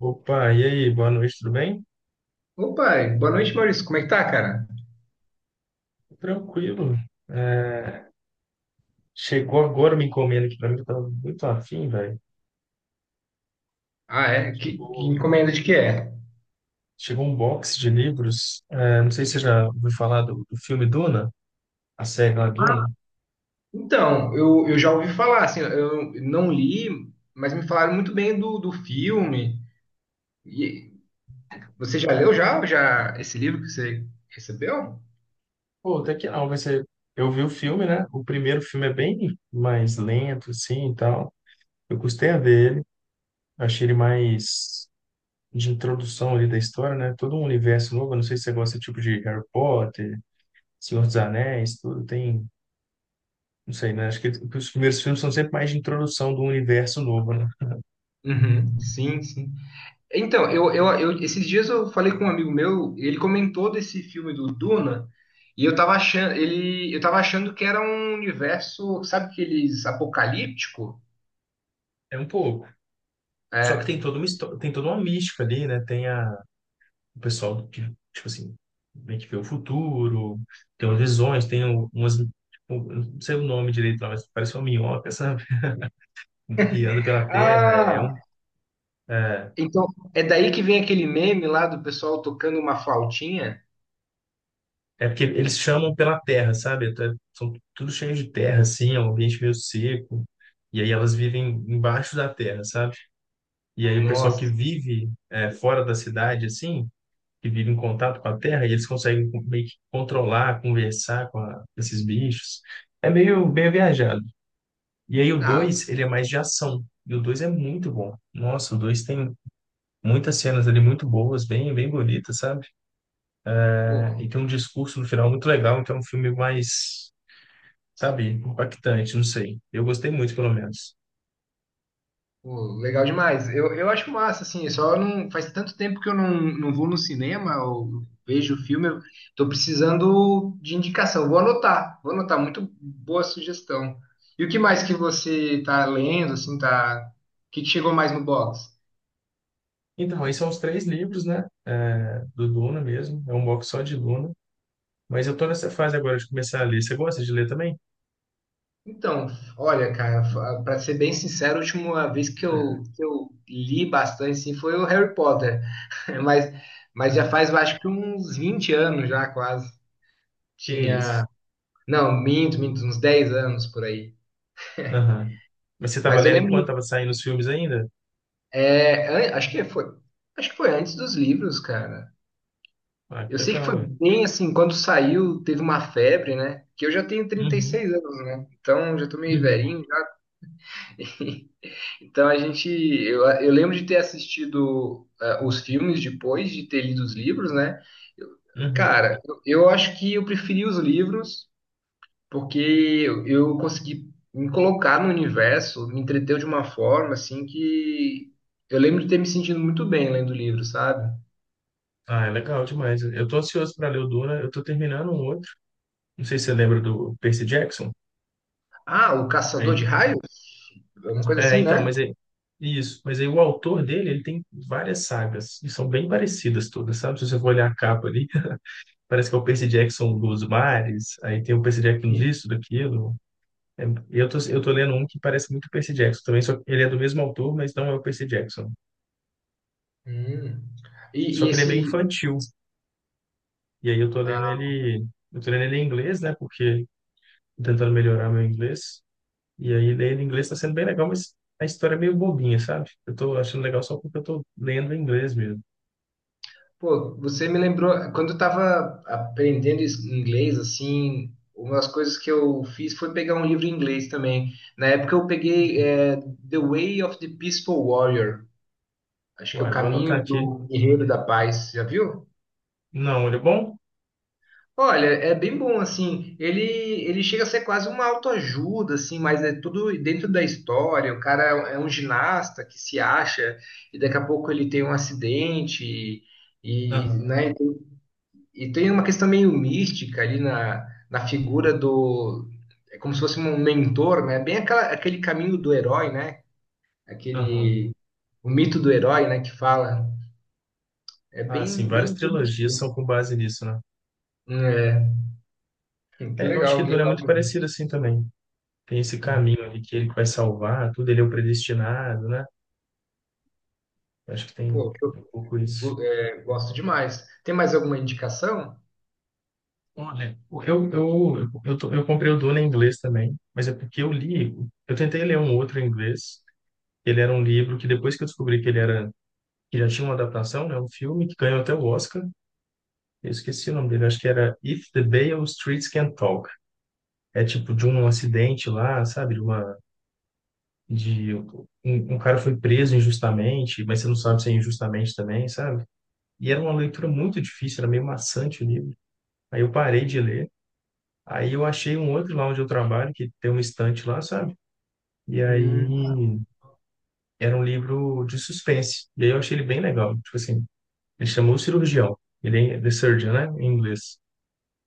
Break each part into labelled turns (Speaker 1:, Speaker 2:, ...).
Speaker 1: Opa, e aí, boa noite, tudo bem?
Speaker 2: Opa, boa noite, Maurício. Como é que tá, cara?
Speaker 1: Tranquilo. É, chegou agora uma encomenda aqui para mim, que eu tava muito afim, velho.
Speaker 2: Ah, é? Que
Speaker 1: Chegou,
Speaker 2: encomenda de que é?
Speaker 1: chegou um box de livros. É, não sei se você já ouviu falar do filme Duna, a série lá
Speaker 2: Ah.
Speaker 1: Duna.
Speaker 2: Então, eu já ouvi falar, assim, eu não li, mas me falaram muito bem do filme. E você já leu já esse livro que você recebeu?
Speaker 1: Pô, até que não, vai ser. Eu vi o filme, né? O primeiro filme é bem mais lento, assim e tal. Eu custei a ver ele, achei ele mais de introdução ali da história, né? Todo um universo novo. Eu não sei se você gosta desse tipo de Harry Potter, Senhor dos Anéis, tudo. Tem não sei, né? Acho que os primeiros filmes são sempre mais de introdução do universo novo, né?
Speaker 2: Uhum, sim, sim. Então, esses dias eu falei com um amigo meu, ele comentou desse filme do Duna, e eu tava achando que era um universo, sabe, aqueles apocalíptico?
Speaker 1: É um pouco. Só que tem
Speaker 2: É.
Speaker 1: toda uma história, tem toda uma mística ali, né? Tem a, o pessoal que, tipo assim, meio que vê o futuro, tem umas visões, tem umas, tipo, eu não sei o nome direito lá, mas parece uma minhoca, sabe? Que anda pela terra, é
Speaker 2: Ah.
Speaker 1: um, é,
Speaker 2: Então, é daí que vem aquele meme lá do pessoal tocando uma flautinha.
Speaker 1: é porque eles chamam pela terra, sabe? Até- São tudo cheio de terra, assim, é um ambiente meio seco, e aí elas vivem embaixo da terra, sabe? E aí o pessoal que
Speaker 2: Nossa,
Speaker 1: vive é, fora da cidade, assim, que vive em contato com a terra, e eles conseguem co- meio que controlar, conversar com a- esses bichos. É meio bem viajado. E aí o
Speaker 2: ah,
Speaker 1: 2 ele é mais de ação. E o 2 é muito bom. Nossa, o 2 tem muitas cenas ali muito boas, bem, bem bonitas, sabe? É,
Speaker 2: pô,
Speaker 1: e tem um discurso no final muito legal, então é um filme mais, sabe, impactante, não sei. Eu gostei muito, pelo menos.
Speaker 2: pô, legal demais. Eu acho massa, assim, só não faz tanto tempo que eu não vou no cinema ou vejo filme. Eu tô precisando de indicação. Vou anotar, vou anotar. Muito boa sugestão. E o que mais que você tá lendo, assim, tá? O que que chegou mais no box?
Speaker 1: Então, aí são os três livros, né? É, do Duna mesmo. É um box só de Duna. Mas eu tô nessa fase agora de começar a ler. Você gosta de ler também?
Speaker 2: Então, olha, cara, pra ser bem sincero, a última vez que eu li bastante, assim, foi o Harry Potter. Mas, mas já faz, eu acho que uns 20 anos já, quase.
Speaker 1: Que isso.
Speaker 2: Tinha. Não, minto, minto, uns 10 anos por aí.
Speaker 1: Aham. Mas você estava
Speaker 2: Mas eu
Speaker 1: lendo
Speaker 2: lembro.
Speaker 1: enquanto estava saindo os filmes ainda?
Speaker 2: É, acho que foi. Acho que foi antes dos livros, cara.
Speaker 1: Ah, que
Speaker 2: Eu sei que
Speaker 1: legal,
Speaker 2: foi
Speaker 1: ué.
Speaker 2: bem assim, quando saiu, teve uma febre, né? Que eu já tenho trinta e
Speaker 1: Uhum,
Speaker 2: seis anos, né? Então já tô meio
Speaker 1: uhum,
Speaker 2: velhinho. Então, eu lembro de ter assistido os filmes depois de ter lido os livros, né? Eu-
Speaker 1: uhum.
Speaker 2: Cara, eu acho que eu preferi os livros porque eu consegui me colocar no universo, me entreteu de uma forma assim que eu lembro de ter me sentido muito bem lendo o livro, sabe?
Speaker 1: Ah, é legal demais. Eu tô ansioso para ler o Duna. Eu tô terminando um outro. Não sei se você lembra do Percy Jackson.
Speaker 2: Ah, o Caçador
Speaker 1: Aí,
Speaker 2: de Raios? Uma coisa
Speaker 1: é,
Speaker 2: assim,
Speaker 1: então,
Speaker 2: né?
Speaker 1: mas aí, isso. Mas aí o autor dele, ele tem várias sagas e são bem parecidas todas, sabe? Se você for olhar a capa ali, parece que é o Percy Jackson dos mares. Aí tem o Percy Jackson disso, daquilo. É, e eu tô lendo um que parece muito o Percy Jackson também, só que ele é do mesmo autor, mas não é o Percy Jackson.
Speaker 2: Hum. E,
Speaker 1: Só
Speaker 2: e
Speaker 1: que ele é meio
Speaker 2: esse.
Speaker 1: infantil. E aí eu tô lendo
Speaker 2: Ah,
Speaker 1: ele, eu tô lendo ele em inglês, né? Porque tô tentando melhorar meu inglês. E aí ler ele em inglês tá sendo bem legal, mas a história é meio bobinha, sabe? Eu tô achando legal só porque eu tô lendo em inglês mesmo.
Speaker 2: pô, você me lembrou. Quando eu tava aprendendo inglês, assim, uma das coisas que eu fiz foi pegar um livro em inglês também. Na época eu peguei The Way of the Peaceful Warrior. Acho que é o
Speaker 1: Uai, vou
Speaker 2: caminho
Speaker 1: anotar aqui.
Speaker 2: do guerreiro da paz. Já viu?
Speaker 1: Não, ele é bom?
Speaker 2: Olha, é bem bom, assim, ele chega a ser quase uma autoajuda, assim, mas é tudo dentro da história, o cara é um ginasta que se acha e daqui a pouco ele tem um acidente e,
Speaker 1: Aham,
Speaker 2: né, e tem uma questão meio mística ali na figura do, é como se fosse um mentor, né, bem aquele caminho do herói, né,
Speaker 1: aham.
Speaker 2: aquele, o mito do herói, né, que fala, é
Speaker 1: Ah, sim,
Speaker 2: bem, bem,
Speaker 1: várias trilogias são com base nisso, né?
Speaker 2: é,
Speaker 1: É, eu acho que
Speaker 2: que
Speaker 1: Duna é
Speaker 2: legal
Speaker 1: muito
Speaker 2: mesmo.
Speaker 1: parecido assim também. Tem esse caminho ali que ele que vai salvar, tudo, ele é o predestinado, né? Acho que tem
Speaker 2: Pô, que eu
Speaker 1: um pouco isso.
Speaker 2: gosto demais. Tem mais alguma indicação?
Speaker 1: Olha, eu comprei o Duna em inglês também, mas é porque eu li, eu tentei ler um outro em inglês, ele era um livro que depois que eu descobri que ele era, que já tinha uma adaptação, né, um filme que ganhou até o Oscar, eu esqueci o nome dele, acho que era If the Beale Streets Can Talk. É tipo de um acidente lá, sabe? De uma, de um, um cara foi preso injustamente, mas você não sabe se é injustamente também, sabe? E era uma leitura muito difícil, era meio maçante o livro. Aí eu parei de ler. Aí eu achei um outro lá onde eu trabalho, que tem uma estante lá, sabe? E aí
Speaker 2: Hum.
Speaker 1: era um livro de suspense. E aí eu achei ele bem legal. Tipo assim, ele chamou o cirurgião. Ele é The Surgeon, né? Em inglês.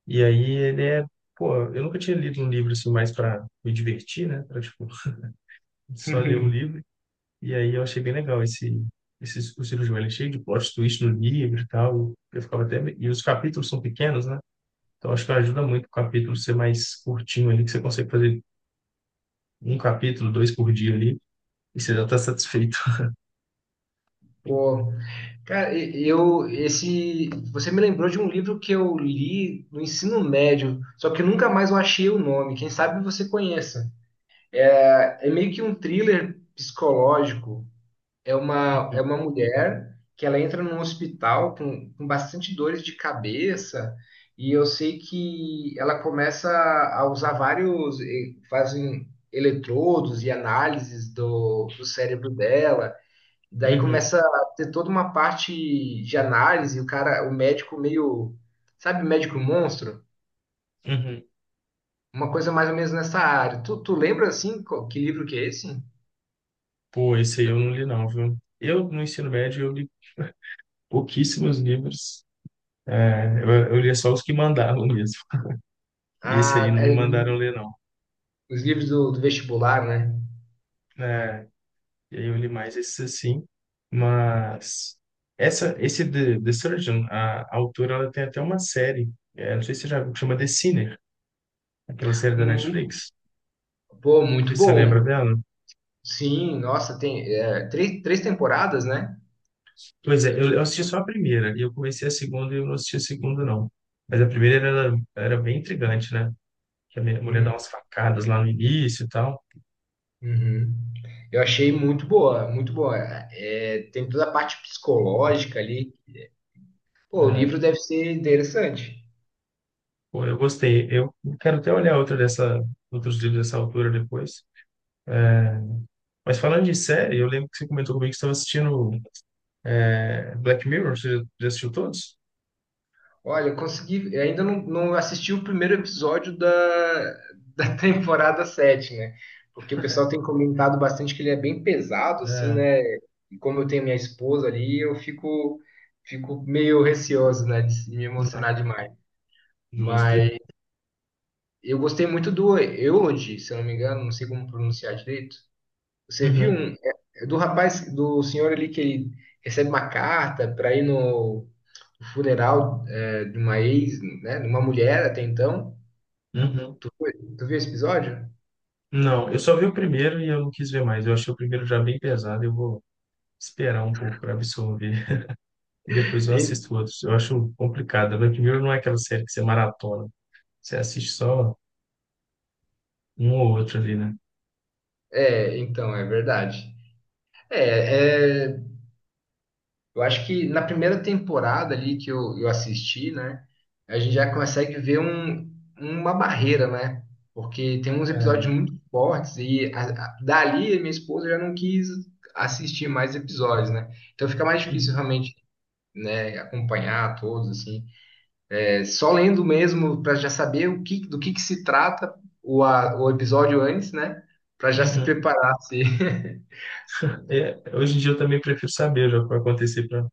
Speaker 1: E aí ele é. Pô, eu nunca tinha lido um livro assim mais para me divertir, né? Pra, tipo, só ler um livro. E aí eu achei bem legal esse, esse o cirurgião. Ele é cheio de plot twist no livro e tal. Eu ficava até. E os capítulos são pequenos, né? Então, acho que ajuda muito o capítulo ser mais curtinho ali, que você consegue fazer um capítulo, dois por dia ali, e você já está satisfeito.
Speaker 2: Pô, cara, e- eu esse você me lembrou de um livro que eu li no ensino médio, só que eu nunca mais eu achei o nome. Quem sabe você conheça. É meio que um thriller psicológico. É uma mulher que ela entra num hospital com, bastante dores de cabeça, e eu sei que ela começa a usar vários, fazem eletrodos e análises do cérebro dela. Daí
Speaker 1: Uhum,
Speaker 2: começa a ter toda uma parte de análise, o médico meio, sabe, médico monstro?
Speaker 1: uhum.
Speaker 2: Uma coisa mais ou menos nessa área. Tu lembra assim, que livro que é esse?
Speaker 1: Pô, esse aí eu não li não, viu? Eu, no ensino médio, eu li pouquíssimos livros. É, eu lia só os que mandavam mesmo. E esse aí
Speaker 2: Ah,
Speaker 1: não me
Speaker 2: é,
Speaker 1: mandaram ler, não.
Speaker 2: os livros do vestibular, né?
Speaker 1: É, e aí eu li mais esses assim. Mas esse The Surgeon, a autora, ela tem até uma série. É, não sei se você já viu, que chama The Sinner, aquela série da
Speaker 2: Um
Speaker 1: Netflix.
Speaker 2: Pô,
Speaker 1: Não sei
Speaker 2: muito
Speaker 1: se você lembra
Speaker 2: bom.
Speaker 1: dela.
Speaker 2: Sim, nossa, tem três temporadas, né?
Speaker 1: Pois é, eu assisti só a primeira, e eu comecei a segunda e eu não assisti a segunda, não. Mas a primeira era, era bem intrigante, né? Que a minha mulher dá
Speaker 2: Hum,
Speaker 1: umas facadas lá no início e tal.
Speaker 2: uhum. Eu achei muito boa, muito boa. É, tem toda a parte psicológica ali. Pô, o livro
Speaker 1: É,
Speaker 2: deve ser interessante.
Speaker 1: pô, eu gostei. Eu quero até olhar outra dessa, outros livros dessa altura depois. É, mas falando de série, eu lembro que você comentou comigo que estava assistindo é, Black Mirror. Você já já assistiu todos?
Speaker 2: Olha, eu consegui. Eu ainda não assisti o primeiro episódio da, temporada 7, né? Porque o pessoal tem comentado bastante que ele é bem pesado, assim,
Speaker 1: É,
Speaker 2: né? E como eu tenho minha esposa ali, eu fico meio receoso, né? De me
Speaker 1: não,
Speaker 2: emocionar demais.
Speaker 1: justo.
Speaker 2: Eu gostei muito do Eulogy, se eu não me engano, não sei como pronunciar direito. Você viu,
Speaker 1: Uhum,
Speaker 2: é do rapaz, do senhor ali que ele recebe uma carta para ir no funeral, de uma ex, né, de uma mulher até então.
Speaker 1: uhum.
Speaker 2: Tu viu esse episódio?
Speaker 1: Não, eu só vi o primeiro e eu não quis ver mais. Eu achei o primeiro já bem pesado. Eu vou esperar um pouco para absorver e depois eu
Speaker 2: En-
Speaker 1: assisto outros. Eu acho complicado. Mas primeiro não é aquela série que você maratona. Você assiste só um ou outro ali, né?
Speaker 2: É, então, é verdade. É, eu acho que na primeira temporada ali que eu assisti, né, a gente já consegue ver uma barreira, né? Porque tem uns
Speaker 1: É,
Speaker 2: episódios muito fortes e dali minha esposa já não quis assistir mais episódios, né? Então fica mais difícil
Speaker 1: uhum.
Speaker 2: realmente, né, acompanhar todos assim. É, só lendo mesmo para já saber do que se trata o episódio antes, né? Para já se
Speaker 1: Uhum.
Speaker 2: preparar. Se...
Speaker 1: É, hoje em dia eu também prefiro saber já o que vai acontecer para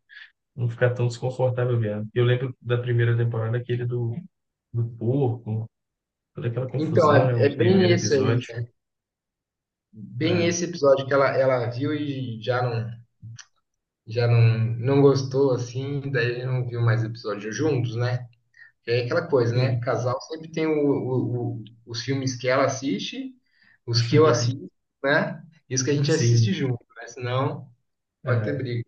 Speaker 1: não ficar tão desconfortável vendo. Eu lembro da primeira temporada, aquele do, do porco, toda aquela
Speaker 2: Então
Speaker 1: confusão,
Speaker 2: é,
Speaker 1: né?
Speaker 2: é
Speaker 1: O
Speaker 2: bem
Speaker 1: primeiro
Speaker 2: isso aí.
Speaker 1: episódio.
Speaker 2: Bem
Speaker 1: É,
Speaker 2: esse episódio que ela viu e já não, não gostou, assim, daí não viu mais episódios juntos, né? É aquela coisa, né?
Speaker 1: sim,
Speaker 2: Casal sempre tem os filmes que ela assiste, os que eu assisto, né? E os que a gente assiste
Speaker 1: sim.
Speaker 2: junto, né? Senão pode ter
Speaker 1: É.
Speaker 2: briga.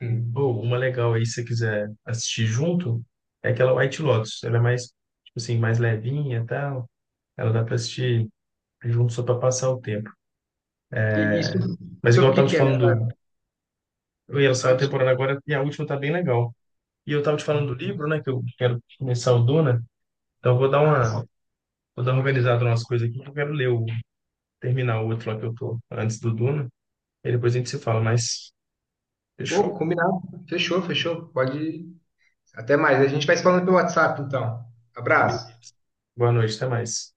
Speaker 2: Hum.
Speaker 1: Pô, uma legal aí, se você quiser assistir junto, é aquela White Lotus. Ela é mais, tipo assim, mais levinha e tal. Ela dá para assistir junto só para passar o tempo.
Speaker 2: E sobre,
Speaker 1: Mas igual
Speaker 2: sobre
Speaker 1: eu
Speaker 2: o que
Speaker 1: tava te
Speaker 2: que é?
Speaker 1: falando, do... eu ia lançar
Speaker 2: Ah,
Speaker 1: uma
Speaker 2: desculpa.
Speaker 1: temporada agora e a última tá bem legal. E eu tava te falando do
Speaker 2: Hum.
Speaker 1: livro, né, que eu quero começar o Duna, então eu
Speaker 2: Ah, sim.
Speaker 1: vou dar uma organizada nas coisas aqui, que eu quero ler o, terminar o outro lá que eu tô antes do Duna, e depois a gente se fala, mas fechou?
Speaker 2: Pô, combinado. Fechou, fechou. Pode ir. Até mais. A gente vai se falando pelo WhatsApp, então. Abraço.
Speaker 1: Boa noite, até mais.